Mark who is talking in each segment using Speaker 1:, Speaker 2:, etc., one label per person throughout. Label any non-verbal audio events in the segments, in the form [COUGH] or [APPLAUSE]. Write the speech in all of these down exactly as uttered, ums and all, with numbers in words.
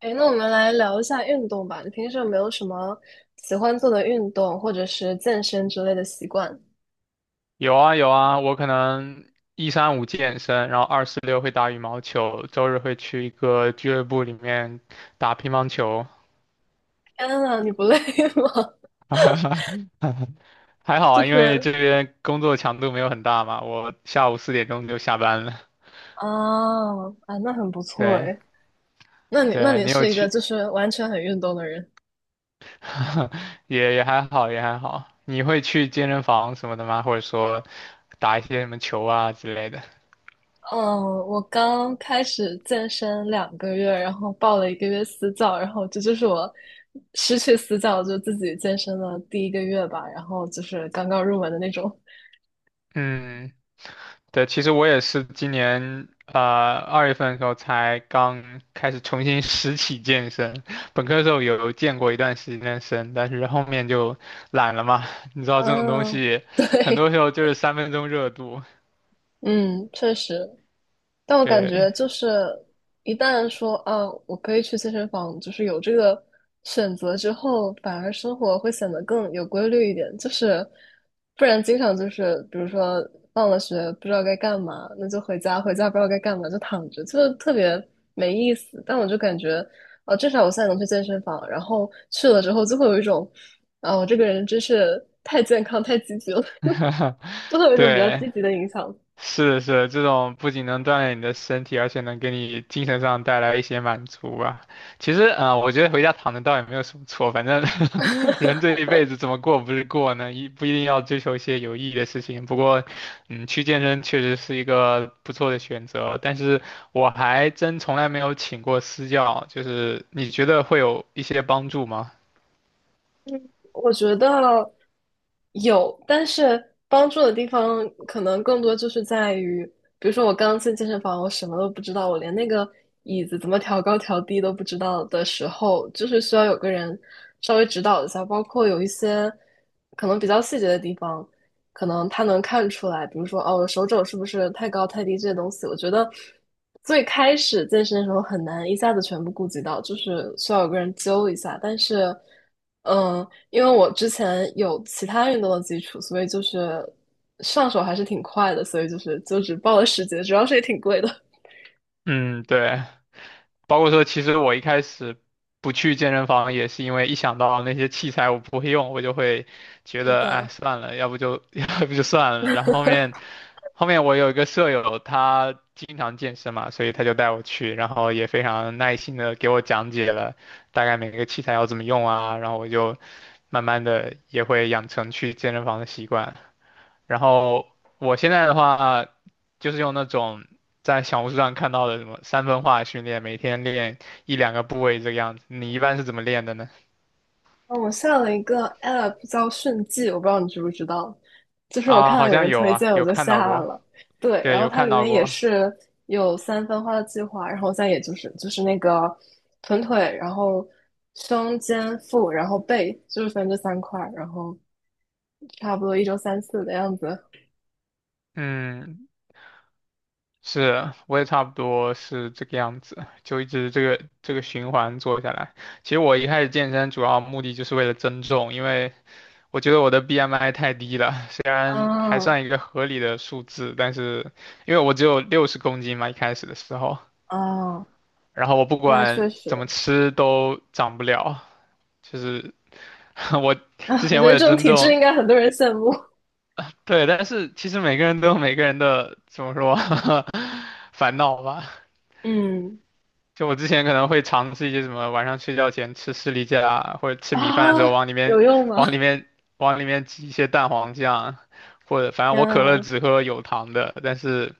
Speaker 1: 哎，那我们来聊一下运动吧。你平时有没有什么喜欢做的运动，或者是健身之类的习惯？
Speaker 2: 有啊有啊，我可能一三五健身，然后二四六会打羽毛球，周日会去一个俱乐部里面打乒乓球。
Speaker 1: 天呐，你不累 [LAUGHS] 吗？
Speaker 2: [LAUGHS] 还好
Speaker 1: 就
Speaker 2: 啊，因为这
Speaker 1: 是
Speaker 2: 边工作强度没有很大嘛，我下午四点钟就下班了。
Speaker 1: 啊啊，那很不错
Speaker 2: 对
Speaker 1: 哎。那你那
Speaker 2: 对，
Speaker 1: 你
Speaker 2: 你有
Speaker 1: 是一个
Speaker 2: 去，
Speaker 1: 就是完全很运动的人。
Speaker 2: [LAUGHS] 也也还好也还好。你会去健身房什么的吗？或者说打一些什么球啊之类的？
Speaker 1: 嗯，我刚开始健身两个月，然后报了一个月私教，然后这就是我失去私教就自己健身的第一个月吧，然后就是刚刚入门的那种。
Speaker 2: 嗯。对，其实我也是今年啊二月份的时候才刚开始重新 [LAUGHS] 拾起健身，本科的时候有健过一段时间的身，但是后面就懒了嘛。[LAUGHS] 你知道这种东
Speaker 1: 嗯，
Speaker 2: 西，
Speaker 1: [LAUGHS]
Speaker 2: 很多
Speaker 1: 对。
Speaker 2: 时候就是三分钟热度。
Speaker 1: 嗯，确实。但我感
Speaker 2: 对，
Speaker 1: 觉就是，一旦说啊，我可以去健身房，就是有这个选择之后，反而生活会显得更有规律一点。就是不然，经常就是，比如说放了学不知道该干嘛，那就回家，回家不知道该干嘛就躺着，就是特别没意思。但我就感觉，啊，至少我现在能去健身房，然后去了之后就会有一种，啊，我这个人真是太健康、太积极了。
Speaker 2: [LAUGHS]
Speaker 1: [LAUGHS] 就会有一种比较
Speaker 2: 对，
Speaker 1: 积极的影响。
Speaker 2: 是是，这种不仅能锻炼你的身体，而且能给你精神上带来一些满足吧。其实，啊，呃我觉得回家躺着倒也没有什么错，反正 [LAUGHS] 人这一辈子怎么过不是过呢？一不一定要追求一些有意义的事情。不过，嗯，去健身确实是一个不错的选择。但是，我还真从来没有请过私教，就是你觉得会有一些帮助吗？
Speaker 1: 我觉得有，但是帮助的地方可能更多就是在于，比如说我刚进健身房，我什么都不知道，我连那个椅子怎么调高调低都不知道的时候，就是需要有个人稍微指导一下，包括有一些可能比较细节的地方，可能他能看出来，比如说哦，我手肘是不是太高太低这些东西，我觉得最开始健身的时候很难一下子全部顾及到，就是需要有个人揪一下，但是。嗯，因为我之前有其他运动的基础，所以就是上手还是挺快的，所以就是就只报了十节，主要是也挺贵的。
Speaker 2: 嗯，对。包括说，其实我一开始不去健身房，也是因为一想到那些器材我不会用，我就会
Speaker 1: [LAUGHS]
Speaker 2: 觉
Speaker 1: 是
Speaker 2: 得，哎，
Speaker 1: 的。
Speaker 2: 算了，要不就 [LAUGHS] 要不就算了。然后后面，后面我有一个舍友，他经常健身嘛，所以他就带我去，然后也非常耐心的给我讲解了大概每个器材要怎么用啊，然后我就慢慢的也会养成去健身房的习惯。然后我现在的话，就是用那种在小红书上看到的什么三分化训练，每天练一两个部位这个样子。你一般是怎么练的呢？
Speaker 1: 嗯，我下了一个 app 叫迅记，我不知道你知不知道，就是我
Speaker 2: 啊，
Speaker 1: 看到
Speaker 2: 好
Speaker 1: 有
Speaker 2: 像
Speaker 1: 人
Speaker 2: 有
Speaker 1: 推
Speaker 2: 啊，
Speaker 1: 荐，我
Speaker 2: 有
Speaker 1: 就
Speaker 2: 看到
Speaker 1: 下
Speaker 2: 过，
Speaker 1: 了。对，
Speaker 2: 对，
Speaker 1: 然后
Speaker 2: 有
Speaker 1: 它
Speaker 2: 看
Speaker 1: 里
Speaker 2: 到
Speaker 1: 面也
Speaker 2: 过。
Speaker 1: 是有三分化的计划，然后再也就是就是那个臀腿，然后胸肩腹，然后背，就是分这三块儿然后差不多一周三次的样子。
Speaker 2: 嗯，是，我也差不多是这个样子，就一直这个这个循环做下来。其实我一开始健身主要目的就是为了增重，因为我觉得我的 B M I 太低了，虽然还
Speaker 1: 嗯。
Speaker 2: 算一个合理的数字，但是因为我只有六十公斤嘛，一开始的时候，
Speaker 1: 哦，
Speaker 2: 然后我不
Speaker 1: 那
Speaker 2: 管
Speaker 1: 确实
Speaker 2: 怎么吃都长不了，就是 [LAUGHS] 我之
Speaker 1: 啊，我
Speaker 2: 前
Speaker 1: 觉
Speaker 2: 为
Speaker 1: 得
Speaker 2: 了
Speaker 1: 这种
Speaker 2: 增
Speaker 1: 体质
Speaker 2: 重，
Speaker 1: 应该很多人羡慕。
Speaker 2: 对，但是其实每个人都有每个人的怎么说 [LAUGHS] 烦恼吧，
Speaker 1: 嗯，
Speaker 2: 就我之前可能会尝试一些什么晚上睡觉前吃士力架啊，或者吃
Speaker 1: 啊，
Speaker 2: 米饭的时候往里
Speaker 1: 有
Speaker 2: 面
Speaker 1: 用吗？
Speaker 2: 往里面往里面挤一些蛋黄酱，或者反正
Speaker 1: 天
Speaker 2: 我可乐
Speaker 1: 啊。
Speaker 2: 只喝有糖的，但是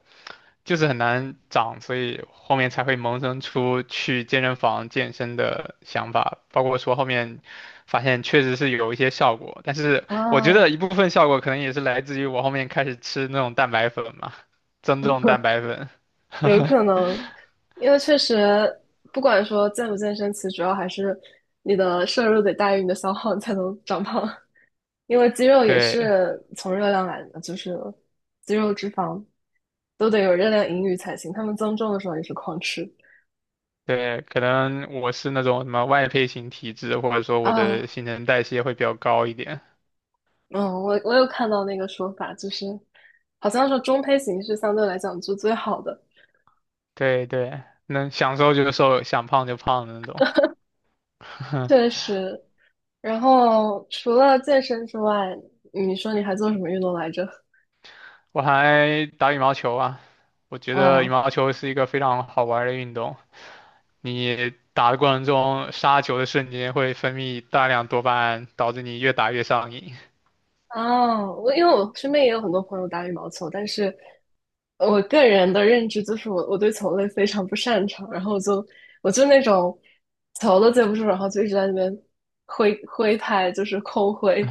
Speaker 2: 就是很难长，所以后面才会萌生出去健身房健身的想法，包括说后面发现确实是有一些效果，但是我觉得
Speaker 1: 啊，
Speaker 2: 一部分效果可能也是来自于我后面开始吃那种蛋白粉嘛，增重蛋
Speaker 1: [LAUGHS]
Speaker 2: 白粉，
Speaker 1: 有可
Speaker 2: [LAUGHS]
Speaker 1: 能，因为确实不管说健不健身，其实主要还是你的摄入得大于你的消耗，你才能长胖。因为肌肉也
Speaker 2: 对。
Speaker 1: 是从热量来的，就是肌肉、脂肪都得有热量盈余才行。他们增重的时候也是狂吃
Speaker 2: 对，可能我是那种什么外配型体质，或者说我的
Speaker 1: 啊。
Speaker 2: 新陈代谢会比较高一点。
Speaker 1: 嗯，我我有看到那个说法，就是好像是中胚型是相对来讲是最好的。
Speaker 2: 对对，能想瘦就瘦，想胖就胖的那种。
Speaker 1: 确
Speaker 2: [LAUGHS]
Speaker 1: 实。然后除了健身之外，你说你还做什么运动来着？
Speaker 2: 我还打羽毛球啊，我觉
Speaker 1: 哇
Speaker 2: 得羽
Speaker 1: 哦。
Speaker 2: 毛球是一个非常好玩儿的运动。你打的过程中，杀球的瞬间会分泌大量多巴胺，导致你越打越上瘾。
Speaker 1: [LAUGHS] 哦，我因为我身边也有很多朋友打羽毛球，但是我个人的认知就是我我对球类非常不擅长，然后我就我就那种球都接不住，然后就一直在那边挥挥拍，就是空挥，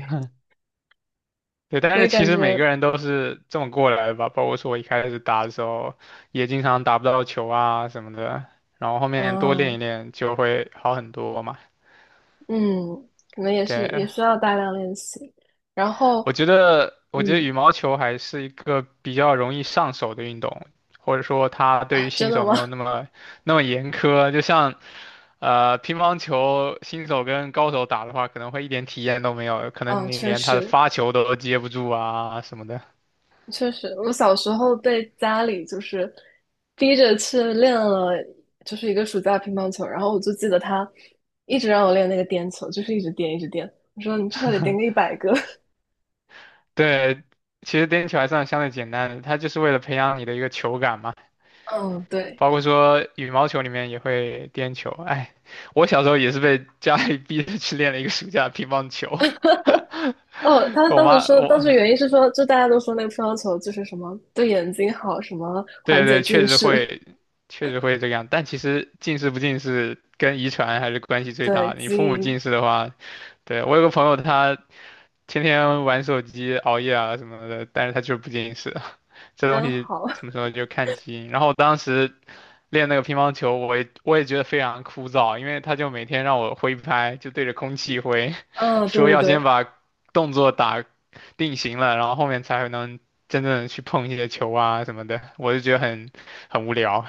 Speaker 2: 对，但
Speaker 1: 所
Speaker 2: 是
Speaker 1: 以
Speaker 2: 其
Speaker 1: 感
Speaker 2: 实每
Speaker 1: 觉
Speaker 2: 个人都是这么过来的吧，包括说我一开始打的时候，也经常打不到球啊什么的，然后后面多练一
Speaker 1: 嗯。
Speaker 2: 练就会好很多嘛。
Speaker 1: 嗯，可能也是也
Speaker 2: 对，
Speaker 1: 需要大量练习。然后，
Speaker 2: 我觉得，我觉得
Speaker 1: 嗯，
Speaker 2: 羽毛球还是一个比较容易上手的运动，或者说它对
Speaker 1: 啊，
Speaker 2: 于
Speaker 1: 真
Speaker 2: 新
Speaker 1: 的
Speaker 2: 手
Speaker 1: 吗？
Speaker 2: 没有那么那么严苛，就像呃乒乓球新手跟高手打的话，可能会一点体验都没有，
Speaker 1: [LAUGHS]
Speaker 2: 可
Speaker 1: 啊，
Speaker 2: 能你
Speaker 1: 确
Speaker 2: 连他的
Speaker 1: 实
Speaker 2: 发球都接不住啊什么的。
Speaker 1: 确实，我小时候被家里就是逼着去练了，就是一个暑假乒乓球。然后我就记得他一直让我练那个颠球，就是一直颠一直颠。我说你至少得颠个一百个。
Speaker 2: 对，其实颠球还算相对简单的，它就是为了培养你的一个球感嘛。
Speaker 1: [LAUGHS] 嗯，对。
Speaker 2: 包括说羽毛球里面也会颠球，哎，我小时候也是被家里逼着去练了一个暑假乒乓球。
Speaker 1: 哦，他
Speaker 2: [LAUGHS] 我
Speaker 1: 当时
Speaker 2: 妈，
Speaker 1: 说，当
Speaker 2: 我，
Speaker 1: 时原因是说，就大家都说那个乒乓球就是什么对眼睛好，什么
Speaker 2: 对
Speaker 1: 缓解
Speaker 2: 对，
Speaker 1: 近
Speaker 2: 确实
Speaker 1: 视。
Speaker 2: 会，确实会这个样。但其实近视不近视跟遗传还是关系
Speaker 1: [LAUGHS]
Speaker 2: 最
Speaker 1: 对，
Speaker 2: 大的。你
Speaker 1: 基
Speaker 2: 父母
Speaker 1: 因
Speaker 2: 近视的话，对，我有个朋友他天天玩手机、熬夜啊什么的，但是他就是不近视，[LAUGHS] 这东
Speaker 1: 真
Speaker 2: 西
Speaker 1: 好。
Speaker 2: 怎么说就看基因。然后我当时。练那个乒乓球，我也我也觉得非常枯燥，因为他就每天让我挥拍，就对着空气挥，
Speaker 1: [LAUGHS]
Speaker 2: [LAUGHS]
Speaker 1: 嗯，对
Speaker 2: 说
Speaker 1: 对
Speaker 2: 要先
Speaker 1: 对，
Speaker 2: 把动作打定型了，然后后面才能真正地去碰一些球啊什么的，我就觉得很很无聊。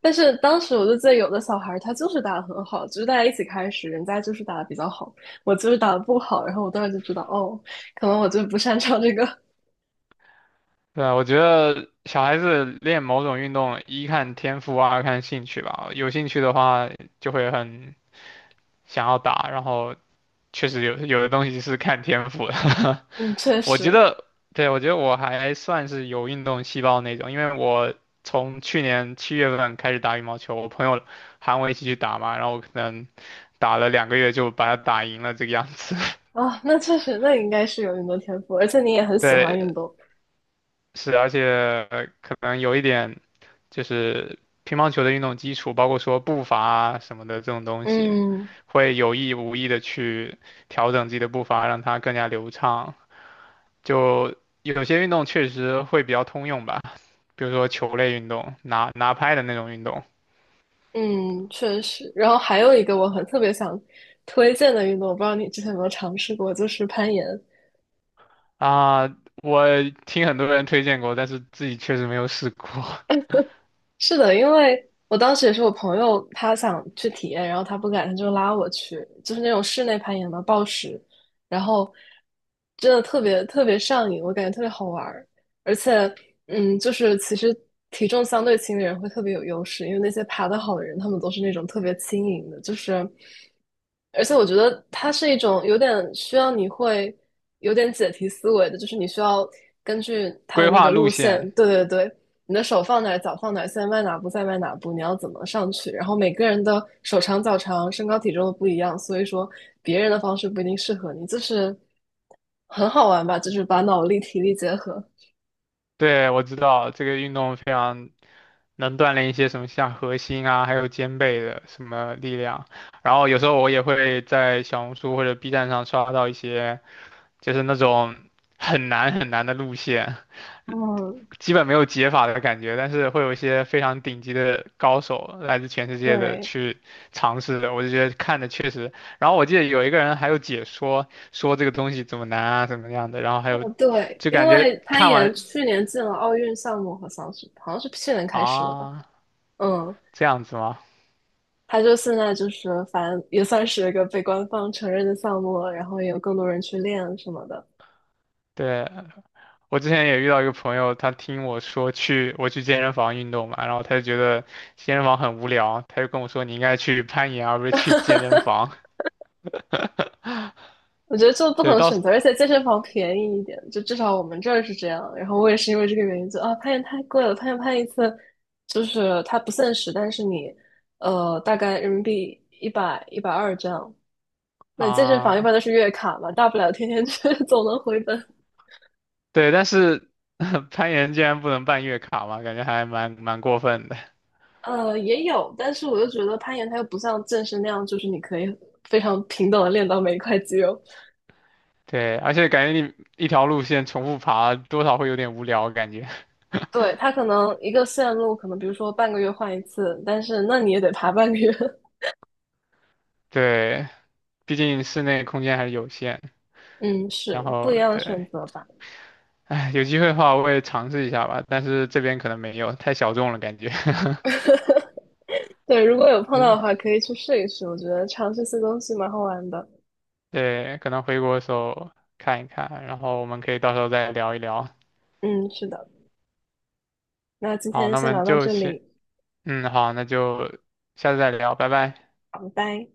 Speaker 1: 但是当时我就记得有的小孩儿他就是打得很好，就是大家一起开始，人家就是打得比较好，我就是打得不好，然后我当时就知道，哦，可能我就不擅长这个。[LAUGHS]
Speaker 2: 对啊，我觉得小孩子练某种运动，一看天赋，二看兴趣吧。有兴趣的话，就会很想要打，然后确实有有的东西是看天赋的。[LAUGHS]
Speaker 1: 嗯，确
Speaker 2: 我觉
Speaker 1: 实
Speaker 2: 得，对，我觉得我还算是有运动细胞那种，因为我从去年七月份开始打羽毛球，我朋友喊我一起去打嘛，然后我可能打了两个月就把它打赢了这个样子。
Speaker 1: 啊，那确实，那应该是有运动天赋，而且你也很
Speaker 2: [LAUGHS]
Speaker 1: 喜欢运
Speaker 2: 对，
Speaker 1: 动。
Speaker 2: 是，而且呃可能有一点就是乒乓球的运动基础，包括说步伐啊什么的这种东西，
Speaker 1: 嗯。
Speaker 2: 会有意无意的去调整自己的步伐，让它更加流畅。就有些运动确实会比较通用吧。比如说球类运动，拿拿拍的那种运动
Speaker 1: 嗯，确实。然后还有一个我很特别想推荐的运动，我不知道你之前有没有尝试过，就是攀岩。
Speaker 2: 啊，我听很多人推荐过，但是自己确实没有试过。[LAUGHS]
Speaker 1: 是的，因为我当时也是我朋友，他想去体验，然后他不敢，他就拉我去，就是那种室内攀岩嘛，暴食，然后真的特别特别上瘾，我感觉特别好玩儿。而且，嗯，就是其实体重相对轻的人会特别有优势，因为那些爬得好的人，他们都是那种特别轻盈的，就是，而且我觉得它是一种有点需要你会有点解题思维的，就是你需要根据它的
Speaker 2: 规
Speaker 1: 那
Speaker 2: 划
Speaker 1: 个
Speaker 2: 路
Speaker 1: 路线，
Speaker 2: 线，
Speaker 1: 对对对，你的手放哪儿，脚放哪儿，现在迈哪步，再迈哪步，你要怎么上去？然后每个人的手长脚长、身高体重都不一样，所以说别人的方式不一定适合你，就是很好玩吧，就是把脑力体力结合。
Speaker 2: 对，我知道这个运动非常能锻炼一些什么像核心啊，还有肩背的什么力量。然后有时候我也会在小红书或者 B 站上刷到一些，就是那种很难很难的路线，
Speaker 1: 嗯，
Speaker 2: 基本没有解法的感觉，但是会有一些非常顶级的高手来自全世界的
Speaker 1: 对，
Speaker 2: 去尝试的，我就觉得看的确实。然后我记得有一个人还有解说，说这个东西怎么难啊，怎么样的，然后还有
Speaker 1: 哦，对，
Speaker 2: 就
Speaker 1: 因
Speaker 2: 感觉
Speaker 1: 为攀
Speaker 2: 看
Speaker 1: 岩
Speaker 2: 完
Speaker 1: 去年进了奥运项目和像是好像是去年开始的吧？
Speaker 2: 啊
Speaker 1: 嗯，
Speaker 2: 这样子吗？
Speaker 1: 他就现在就是反正也算是一个被官方承认的项目了，然后也有更多人去练什么的。
Speaker 2: 对，我之前也遇到一个朋友，他听我说去我去健身房运动嘛，然后他就觉得健身房很无聊，他就跟我说你应该去攀岩而不是去健身房。
Speaker 1: 我觉得做不同
Speaker 2: 对，
Speaker 1: 的
Speaker 2: 到
Speaker 1: 选择，而且健身房便宜一点，就至少我们这儿是这样。然后我也是因为这个原因，就啊，攀岩太贵了，攀岩攀一次就是它不限时，但是你呃大概人民币一百一百二这样。那健身房一般
Speaker 2: 啊。
Speaker 1: 都是月卡嘛，大不了天天去，[LAUGHS] 总能回本。
Speaker 2: 对，但是 [LAUGHS] 攀岩竟然不能办月卡嘛，感觉还蛮蛮过分的。
Speaker 1: 呃，也有，但是我又觉得攀岩它又不像健身那样，就是你可以非常平等的练到每一块肌肉。
Speaker 2: 对，而且感觉你一条路线重复爬，多少会有点无聊感觉。
Speaker 1: 对，它可能一个线路，可能比如说半个月换一次，但是那你也得爬半个月。[LAUGHS]
Speaker 2: [LAUGHS] 对，毕竟室内空间还是有限。
Speaker 1: 嗯，
Speaker 2: 然
Speaker 1: 是不
Speaker 2: 后
Speaker 1: 一样的
Speaker 2: 对，
Speaker 1: 选择吧。
Speaker 2: 哎，有机会的话我也尝试一下吧，但是这边可能没有，太小众了感觉。
Speaker 1: [LAUGHS] 对，如果有
Speaker 2: [LAUGHS]
Speaker 1: 碰到
Speaker 2: 对
Speaker 1: 的话，可以去试一试。我觉得尝试新东西蛮好玩的。
Speaker 2: 对可能回国的时候看一看，然后我们可以到时候再聊一聊。
Speaker 1: 嗯，是的。那今
Speaker 2: 好，
Speaker 1: 天
Speaker 2: 那我
Speaker 1: 先
Speaker 2: 们
Speaker 1: 聊到
Speaker 2: 就
Speaker 1: 这
Speaker 2: 先，
Speaker 1: 里，
Speaker 2: 嗯，好，那就下次再聊，拜拜。
Speaker 1: 好，拜拜。